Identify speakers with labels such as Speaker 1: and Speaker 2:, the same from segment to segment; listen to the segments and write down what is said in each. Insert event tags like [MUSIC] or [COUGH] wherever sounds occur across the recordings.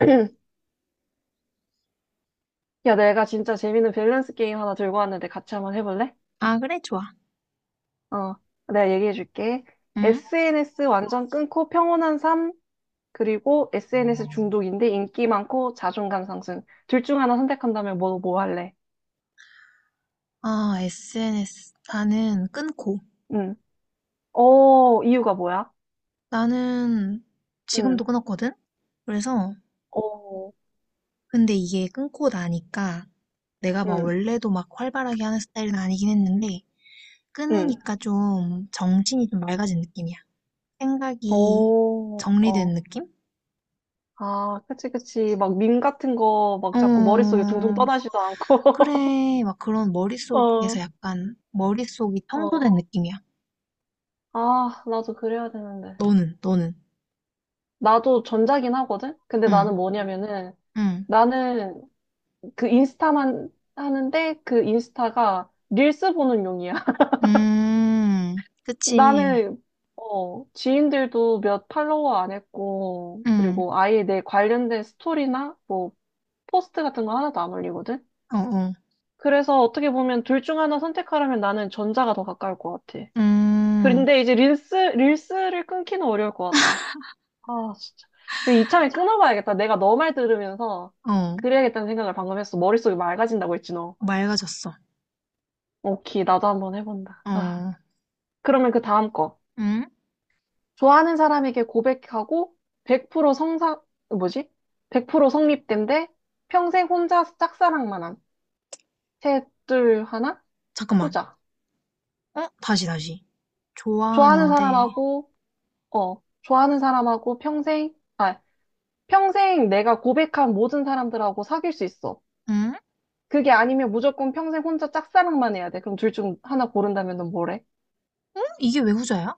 Speaker 1: [CLEARS THROAT] 야, 내가 진짜 재밌는 밸런스 게임 하나 들고 왔는데 같이 한번 해볼래?
Speaker 2: 아, 그래, 좋아.
Speaker 1: 어, 내가 얘기해줄게.
Speaker 2: 응?
Speaker 1: SNS 완전 끊고 평온한 삶, 그리고 SNS 중독인데 인기 많고 자존감 상승. 둘 중 하나 선택한다면 뭐 할래?
Speaker 2: 아, SNS. 나는 끊고.
Speaker 1: 응. 어, 이유가 뭐야?
Speaker 2: 나는
Speaker 1: 응.
Speaker 2: 지금도 끊었거든? 그래서,
Speaker 1: 어,
Speaker 2: 근데 이게 끊고 나니까 내가 막
Speaker 1: 응,
Speaker 2: 원래도 막 활발하게 하는 스타일은 아니긴 했는데,
Speaker 1: 응.
Speaker 2: 끊으니까 좀 정신이 좀 맑아진 느낌이야. 생각이
Speaker 1: 오,
Speaker 2: 정리된
Speaker 1: 어.
Speaker 2: 느낌?
Speaker 1: 아, 그치, 그치. 막 밈 같은 거 막
Speaker 2: 어,
Speaker 1: 자꾸 머릿속에 둥둥 떠나지도 않고.
Speaker 2: 그래. 막 그런
Speaker 1: [LAUGHS]
Speaker 2: 머릿속에서
Speaker 1: 어,
Speaker 2: 약간, 머릿속이
Speaker 1: 어.
Speaker 2: 청소된 느낌이야.
Speaker 1: 아, 나도 그래야 되는데.
Speaker 2: 너는, 너는.
Speaker 1: 나도 전자긴 하거든? 근데
Speaker 2: 응,
Speaker 1: 나는 뭐냐면은,
Speaker 2: 응.
Speaker 1: 나는 그 인스타만 하는데 그 인스타가 릴스 보는 용이야. [LAUGHS]
Speaker 2: 음, 그치.
Speaker 1: 나는, 어, 지인들도 몇 팔로워 안 했고,
Speaker 2: 응,
Speaker 1: 그리고 아예 내 관련된 스토리나 뭐 포스트 같은 거 하나도 안 올리거든?
Speaker 2: 어, 어,
Speaker 1: 그래서 어떻게 보면 둘 중 하나 선택하라면 나는 전자가 더 가까울 것 같아.
Speaker 2: 음,
Speaker 1: 그런데 이제 릴스를 끊기는 어려울 것 같다. 아, 진짜. 근데 이참에 끊어봐야겠다. 내가 너 말 들으면서
Speaker 2: 어,
Speaker 1: 그래야겠다는 생각을 방금 했어. 머릿속이 맑아진다고 했지, 너.
Speaker 2: 맑아졌어.
Speaker 1: 오케이, 나도 한번 해본다. 아,
Speaker 2: 어,
Speaker 1: 그러면 그 다음 거.
Speaker 2: 응?
Speaker 1: 좋아하는 사람에게 고백하고 100% 성사, 뭐지? 100% 성립된데 평생 혼자 짝사랑만 한. 셋, 둘, 하나?
Speaker 2: 잠깐만.
Speaker 1: 후자.
Speaker 2: 어? 다시, 다시.
Speaker 1: 좋아하는
Speaker 2: 좋아하는데,
Speaker 1: 사람하고, 어, 좋아하는 사람하고 평생, 아, 평생 내가 고백한 모든 사람들하고 사귈 수 있어.
Speaker 2: 응?
Speaker 1: 그게 아니면 무조건 평생 혼자 짝사랑만 해야 돼. 그럼 둘 중 하나 고른다면 넌 뭐래?
Speaker 2: 응? 이게 왜 후자야?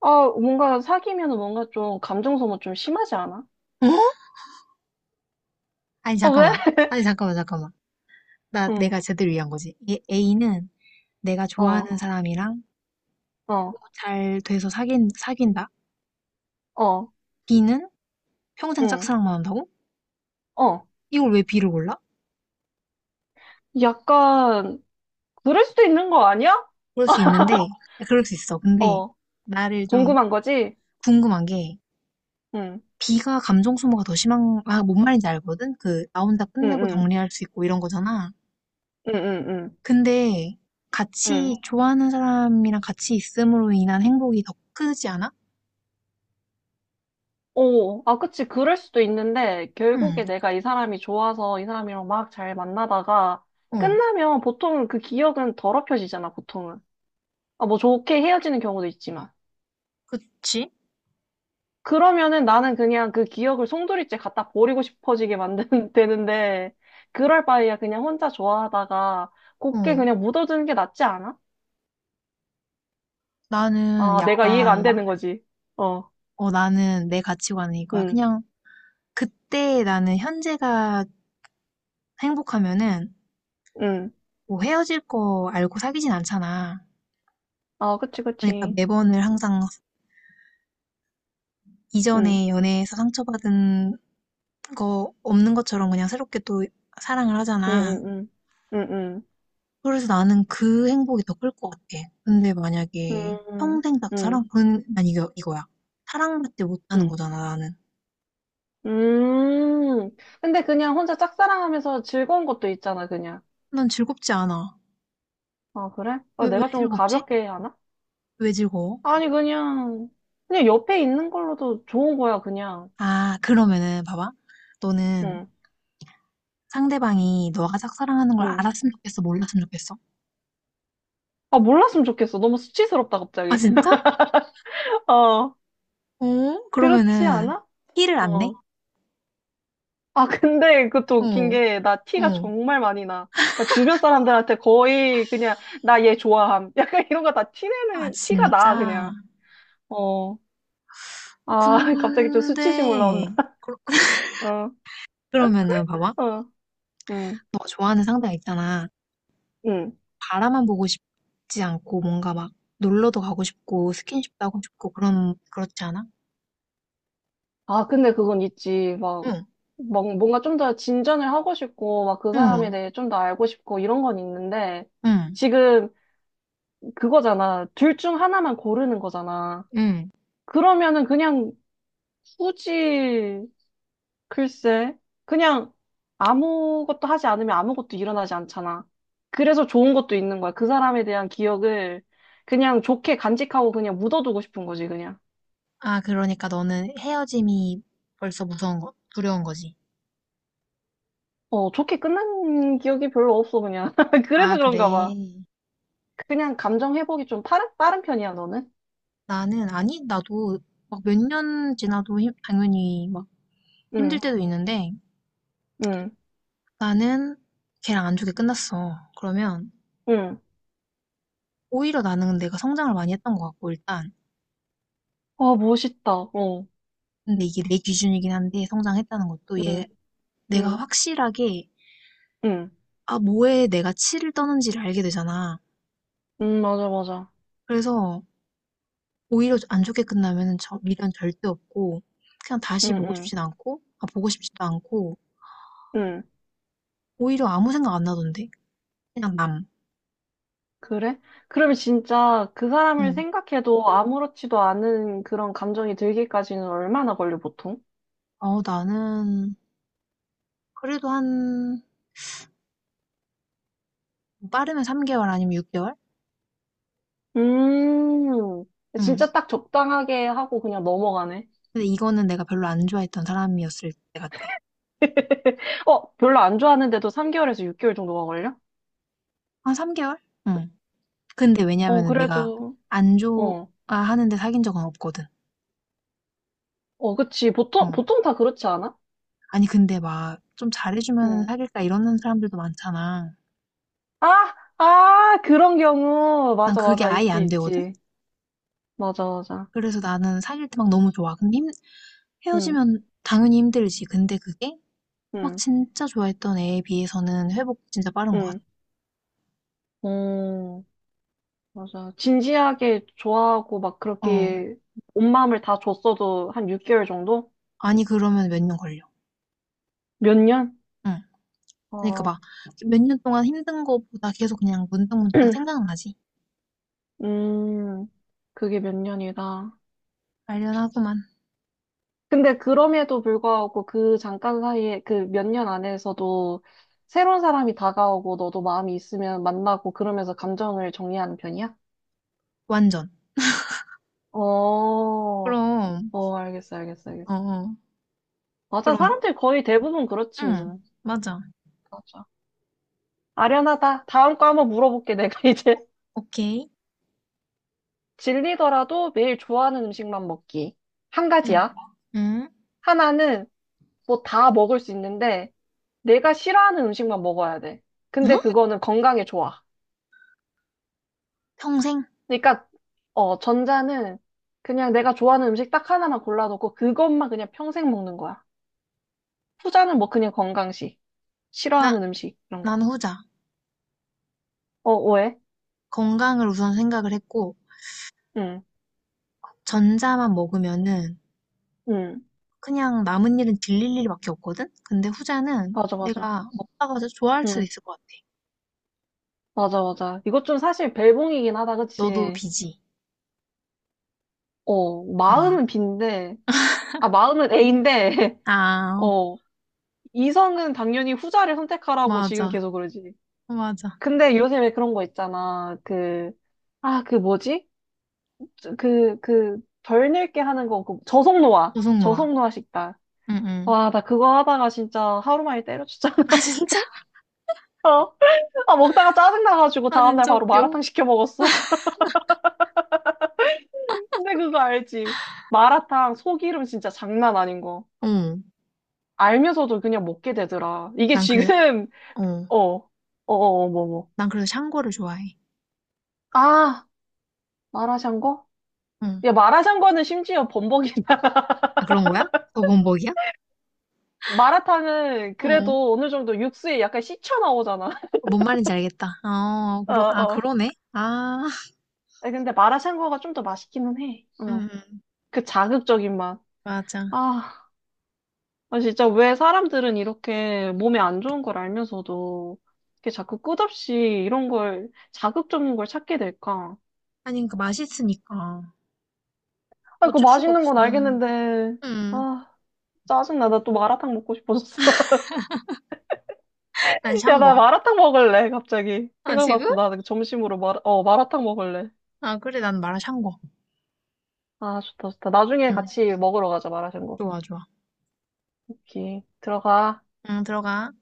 Speaker 1: 아, 뭔가 사귀면 뭔가 좀 감정 소모 좀 심하지 않아?
Speaker 2: 어? 아니,
Speaker 1: 어, 왜?
Speaker 2: 잠깐만.
Speaker 1: [LAUGHS]
Speaker 2: 아니, 잠깐만, 잠깐만. 나,
Speaker 1: 응,
Speaker 2: 내가 제대로 이해한 거지. 얘, A는 내가
Speaker 1: 어,
Speaker 2: 좋아하는 사람이랑
Speaker 1: 어,
Speaker 2: 잘 돼서 사귄다?
Speaker 1: 어,
Speaker 2: B는 평생
Speaker 1: 응,
Speaker 2: 짝사랑만 한다고?
Speaker 1: 어.
Speaker 2: 이걸 왜 B를 골라?
Speaker 1: 약간, 그럴 수도 있는 거 아니야?
Speaker 2: 그럴 수 있는데, 그럴 수 있어. 근데,
Speaker 1: 어,
Speaker 2: 나를 좀
Speaker 1: 궁금한 거지?
Speaker 2: 궁금한 게,
Speaker 1: 응,
Speaker 2: B가 감정 소모가 더 심한 아, 뭔 말인지 알거든? 그, 나 혼자
Speaker 1: 응,
Speaker 2: 끝내고
Speaker 1: 응,
Speaker 2: 정리할 수 있고 이런 거잖아.
Speaker 1: 응, 응, 응,
Speaker 2: 근데 같이
Speaker 1: 응.
Speaker 2: 좋아하는 사람이랑 같이 있음으로 인한 행복이 더 크지 않아?
Speaker 1: 오, 아, 그치. 그럴 수도 있는데,
Speaker 2: 응,
Speaker 1: 결국에 내가 이 사람이 좋아서 이 사람이랑 막 잘 만나다가,
Speaker 2: 어,
Speaker 1: 끝나면 보통은 그 기억은 더럽혀지잖아, 보통은. 아, 뭐 좋게 헤어지는 경우도 있지만.
Speaker 2: 그치?
Speaker 1: 그러면은 나는 그냥 그 기억을 송두리째 갖다 버리고 싶어지게 만드는, [LAUGHS] 되는데, 그럴 바에야 그냥 혼자 좋아하다가 곱게
Speaker 2: 어,
Speaker 1: 그냥 묻어두는 게 낫지 않아?
Speaker 2: 나는
Speaker 1: 아, 내가 이해가 안
Speaker 2: 약간,
Speaker 1: 되는 거지. 어,
Speaker 2: 어, 나는 내 가치관은 이거야.
Speaker 1: 응,
Speaker 2: 그냥 그때 나는 현재가 행복하면은
Speaker 1: 응.
Speaker 2: 뭐 헤어질 거 알고 사귀진 않잖아.
Speaker 1: 아, 그치,
Speaker 2: 그러니까
Speaker 1: 그치.
Speaker 2: 매번을 항상
Speaker 1: 응,
Speaker 2: 이전에 연애에서 상처받은 그거 없는 것처럼 그냥 새롭게 또 사랑을
Speaker 1: 응,
Speaker 2: 하잖아.
Speaker 1: 응, 응, 응,
Speaker 2: 그래서 나는 그 행복이 더 클 것 같아. 근데
Speaker 1: 응,
Speaker 2: 만약에
Speaker 1: 응,
Speaker 2: 평생 딱
Speaker 1: 응.
Speaker 2: 사랑,
Speaker 1: 응,
Speaker 2: 그건 난 이거야. 사랑받지 못하는
Speaker 1: 응.
Speaker 2: 거잖아, 나는.
Speaker 1: 음, 근데 그냥 혼자 짝사랑하면서 즐거운 것도 있잖아, 그냥.
Speaker 2: 난 즐겁지 않아.
Speaker 1: 아, 그래? 아,
Speaker 2: 왜, 왜
Speaker 1: 내가 좀
Speaker 2: 즐겁지?
Speaker 1: 가볍게 하나?
Speaker 2: 왜 즐거워?
Speaker 1: 아니, 그냥, 그냥 옆에 있는 걸로도 좋은 거야, 그냥.
Speaker 2: 아, 그러면은, 봐봐. 너는
Speaker 1: 응,
Speaker 2: 상대방이 너가 짝사랑하는 걸
Speaker 1: 응.
Speaker 2: 알았으면 좋겠어, 몰랐으면 좋겠어?
Speaker 1: 아, 몰랐으면 좋겠어. 너무 수치스럽다,
Speaker 2: 아,
Speaker 1: 갑자기.
Speaker 2: 진짜?
Speaker 1: [LAUGHS] 어,
Speaker 2: 어?
Speaker 1: 그렇지
Speaker 2: 그러면은,
Speaker 1: 않아?
Speaker 2: 티를 안 내?
Speaker 1: 어. 아, 근데 그것도 웃긴
Speaker 2: 어,
Speaker 1: 게, 나 티가
Speaker 2: 어.
Speaker 1: 정말 많이 나. 나 주변 사람들한테 거의 그냥, 나 얘 좋아함. [LAUGHS] 약간 이런 거 다
Speaker 2: 아,
Speaker 1: 티내는, 티가 나,
Speaker 2: 진짜?
Speaker 1: 그냥. 어.
Speaker 2: 어,
Speaker 1: 아, [LAUGHS] 갑자기 좀 수치심
Speaker 2: 근데,
Speaker 1: 올라온다.
Speaker 2: 그-
Speaker 1: 어,
Speaker 2: 그러면은 봐봐.
Speaker 1: 어, 응,
Speaker 2: 너가 좋아하는 상대가 있잖아.
Speaker 1: 응.
Speaker 2: 바라만 보고 싶지 않고 뭔가 막 놀러도 가고 싶고 스킨십도 하고 싶고 그런 그렇지 않아?
Speaker 1: 아, 근데 그건 있지. 막,
Speaker 2: 응,
Speaker 1: 막 뭔가 좀 더 진전을 하고 싶고, 막 그 사람에
Speaker 2: 응,
Speaker 1: 대해 좀 더 알고 싶고, 이런 건 있는데,
Speaker 2: 응,
Speaker 1: 지금 그거잖아. 둘 중 하나만 고르는 거잖아.
Speaker 2: 응.
Speaker 1: 그러면은 그냥 굳이, 글쎄, 그냥 아무것도 하지 않으면 아무것도 일어나지 않잖아. 그래서 좋은 것도 있는 거야. 그 사람에 대한 기억을 그냥 좋게 간직하고 그냥 묻어두고 싶은 거지, 그냥.
Speaker 2: 아, 그러니까 너는 헤어짐이 벌써 무서운 거, 두려운 거지.
Speaker 1: 어, 좋게 끝난 기억이 별로 없어, 그냥. [LAUGHS] 그래서
Speaker 2: 아, 그래.
Speaker 1: 그런가 봐. 그냥 감정 회복이 좀 빠른 편이야, 너는?
Speaker 2: 나는 아니, 나도 막 몇 년 지나도 힘- 당연히 막 힘들
Speaker 1: 응,
Speaker 2: 때도 있는데
Speaker 1: 응,
Speaker 2: 나는 걔랑 안 좋게 끝났어. 그러면
Speaker 1: 응.
Speaker 2: 오히려 나는 내가 성장을 많이 했던 것 같고 일단
Speaker 1: 아, 멋있다. 어,
Speaker 2: 근데 이게 내 기준이긴 한데 성장했다는 것도
Speaker 1: 응,
Speaker 2: 얘 내가
Speaker 1: 응,
Speaker 2: 확실하게
Speaker 1: 응.
Speaker 2: 아 뭐에 내가 치를 떠는지를 알게 되잖아.
Speaker 1: 응, 맞아, 맞아.
Speaker 2: 그래서 오히려 안 좋게 끝나면은 저 미련 절대 없고 그냥 다시
Speaker 1: 응,
Speaker 2: 보고
Speaker 1: 응,
Speaker 2: 싶진 않고 아 보고 싶지도 않고
Speaker 1: 응.
Speaker 2: 오히려 아무 생각 안 나던데 그냥 남.
Speaker 1: 그래? 그러면 진짜 그 사람을
Speaker 2: 응.
Speaker 1: 생각해도 아무렇지도 않은 그런 감정이 들기까지는 얼마나 걸려, 보통?
Speaker 2: 어 나는 그래도 한 뭐 빠르면 3개월 아니면 6개월?
Speaker 1: 음,
Speaker 2: 응.
Speaker 1: 진짜 딱 적당하게 하고 그냥 넘어가네.
Speaker 2: 근데 이거는 내가 별로 안 좋아했던 사람이었을 때 같아.
Speaker 1: 어, 별로 안 좋아하는데도 3개월에서 6개월 정도가 걸려?
Speaker 2: 한 3개월? 응. 근데
Speaker 1: 어,
Speaker 2: 왜냐면은 내가
Speaker 1: 그래도,
Speaker 2: 안
Speaker 1: 어,
Speaker 2: 좋아하는데 사귄 적은 없거든.
Speaker 1: 어, 그치. 보통,
Speaker 2: 어.
Speaker 1: 보통 다 그렇지 않아?
Speaker 2: 아니, 근데 막 좀 잘해주면
Speaker 1: 응.
Speaker 2: 사귈까 이러는 사람들도 많잖아.
Speaker 1: 아, 아, 그런 경우.
Speaker 2: 난
Speaker 1: 맞아,
Speaker 2: 그게
Speaker 1: 맞아.
Speaker 2: 아예
Speaker 1: 있지,
Speaker 2: 안 되거든?
Speaker 1: 있지. 맞아, 맞아.
Speaker 2: 그래서 나는 사귈 때 막 너무 좋아. 근데
Speaker 1: 응,
Speaker 2: 헤어지면 당연히 힘들지. 근데 그게 막
Speaker 1: 응,
Speaker 2: 진짜 좋아했던 애에 비해서는 회복 진짜 빠른 것 같아.
Speaker 1: 응. 어, 맞아. 진지하게 좋아하고 막
Speaker 2: 어.
Speaker 1: 그렇게 온 마음을 다 줬어도 한 6개월 정도?
Speaker 2: 아니, 그러면 몇 년 걸려.
Speaker 1: 몇 년?
Speaker 2: 응. 그러니까
Speaker 1: 어,
Speaker 2: 막 몇 년 동안 힘든 거보다 계속 그냥 문득문득
Speaker 1: [CLEARS THROAT]
Speaker 2: 생각나지.
Speaker 1: 음, 그게 몇 년이다.
Speaker 2: 관련하고만.
Speaker 1: 근데 그럼에도 불구하고 그 잠깐 사이에 그 몇 년 안에서도 새로운 사람이 다가오고 너도 마음이 있으면 만나고 그러면서 감정을 정리하는 편이야?
Speaker 2: 완전.
Speaker 1: 어,
Speaker 2: 그럼,
Speaker 1: 어, 알겠어, 알겠어,
Speaker 2: 어,
Speaker 1: 알겠어.
Speaker 2: 어.
Speaker 1: 맞아,
Speaker 2: 그럼
Speaker 1: 사람들 거의 대부분 그렇지,
Speaker 2: 응,
Speaker 1: 뭐.
Speaker 2: 맞아.
Speaker 1: 맞아. 아련하다. 다음 거 한번 물어볼게, 내가 [LAUGHS] 이제.
Speaker 2: 오케이.
Speaker 1: 질리더라도 매일 좋아하는 음식만 먹기. 한
Speaker 2: 응.
Speaker 1: 가지야.
Speaker 2: 응.
Speaker 1: 하나는 뭐 다 먹을 수 있는데, 내가 싫어하는 음식만 먹어야 돼.
Speaker 2: 응?
Speaker 1: 근데 그거는 건강에 좋아.
Speaker 2: 평생?
Speaker 1: 그러니까, 어, 전자는 그냥 내가 좋아하는 음식 딱 하나만 골라놓고 그것만 그냥 평생 먹는 거야. 후자는 뭐 그냥 건강식.
Speaker 2: 나,
Speaker 1: 싫어하는 음식, 이런 거.
Speaker 2: 난 후자.
Speaker 1: 어, 왜?
Speaker 2: 건강을 우선 생각을 했고,
Speaker 1: 응,
Speaker 2: 전자만 먹으면은
Speaker 1: 응.
Speaker 2: 그냥 남은 일은 질릴 일밖에 없거든? 근데 후자는
Speaker 1: 맞아, 맞아.
Speaker 2: 내가 먹다가 더 좋아할 수도
Speaker 1: 응,
Speaker 2: 있을 것 같아.
Speaker 1: 맞아, 맞아. 이것 좀 사실 벨붕이긴 하다,
Speaker 2: 너도
Speaker 1: 그치?
Speaker 2: 비지?
Speaker 1: 어,
Speaker 2: 응.
Speaker 1: 마음은 B인데, 아, 마음은 A인데, [LAUGHS]
Speaker 2: 아,
Speaker 1: 어, 이성은 당연히 후자를 선택하라고 지금
Speaker 2: 맞아.
Speaker 1: 계속 그러지.
Speaker 2: 맞아.
Speaker 1: 근데 요새 왜 그런 거 있잖아. 그, 아, 그 뭐지? 그, 덜 늙게 하는 거, 그 저속노화.
Speaker 2: 조성노아.
Speaker 1: 저속노화 식단.
Speaker 2: 응, 응.
Speaker 1: 와, 나 그거 하다가 진짜 하루 만에 때려쳤잖아.
Speaker 2: [LAUGHS] 아,
Speaker 1: [LAUGHS]
Speaker 2: 진짜?
Speaker 1: 아, 먹다가 짜증나가지고
Speaker 2: 아,
Speaker 1: 다음날
Speaker 2: 진짜
Speaker 1: 바로
Speaker 2: 웃겨.
Speaker 1: 마라탕 시켜 먹었어. [LAUGHS] 근데 그거 알지? 마라탕 소기름 진짜 장난 아닌 거.
Speaker 2: 응.
Speaker 1: 알면서도 그냥 먹게 되더라. 이게
Speaker 2: 난 그래,
Speaker 1: 지금, [LAUGHS]
Speaker 2: 어.
Speaker 1: 어, 어, 어, 어, 뭐, 뭐.
Speaker 2: 난 그래서 샹궈를 좋아해.
Speaker 1: 아, 마라샹궈?
Speaker 2: 응.
Speaker 1: 야, 마라샹궈는 심지어 범벅이다. [LAUGHS]
Speaker 2: 아, 그런 거야? 더 범벅이야?
Speaker 1: 마라탕은
Speaker 2: 어.
Speaker 1: 그래도 어느 정도 육수에 약간 씻혀 나오잖아.
Speaker 2: 뭔 말인지 알겠다. 어,
Speaker 1: [LAUGHS] 어,
Speaker 2: 그러, 아,
Speaker 1: 어.
Speaker 2: 그러네? 아, [LAUGHS]
Speaker 1: 아니, 근데 마라샹궈가 좀 더 맛있기는 해.
Speaker 2: 음,
Speaker 1: 응.
Speaker 2: 음,
Speaker 1: 그 자극적인 맛.
Speaker 2: 맞아.
Speaker 1: 아, 아, 진짜 왜 사람들은 이렇게 몸에 안 좋은 걸 알면서도 이렇게 자꾸 끝없이 이런 걸, 자극적인 걸 찾게 될까?
Speaker 2: 아니, 그 맛있으니까.
Speaker 1: 아, 그
Speaker 2: 어쩔 수가
Speaker 1: 맛있는
Speaker 2: 없어.
Speaker 1: 건 알겠는데.
Speaker 2: 음,
Speaker 1: 아. 짜증나. 나 또 마라탕 먹고 싶어졌어. [LAUGHS]
Speaker 2: 난
Speaker 1: 야, 나
Speaker 2: 샹궈.
Speaker 1: 마라탕 먹을래, 갑자기.
Speaker 2: 아, 지금?
Speaker 1: 생각났어. 나 점심으로 마라탕 먹을래.
Speaker 2: 아, 그래, 난 마라 샹궈.
Speaker 1: 아, 좋다, 좋다. 나중에
Speaker 2: 응,
Speaker 1: 같이 먹으러 가자, 마라샹궈.
Speaker 2: 좋아, 좋아.
Speaker 1: 오케이. 들어가.
Speaker 2: 응, 들어가.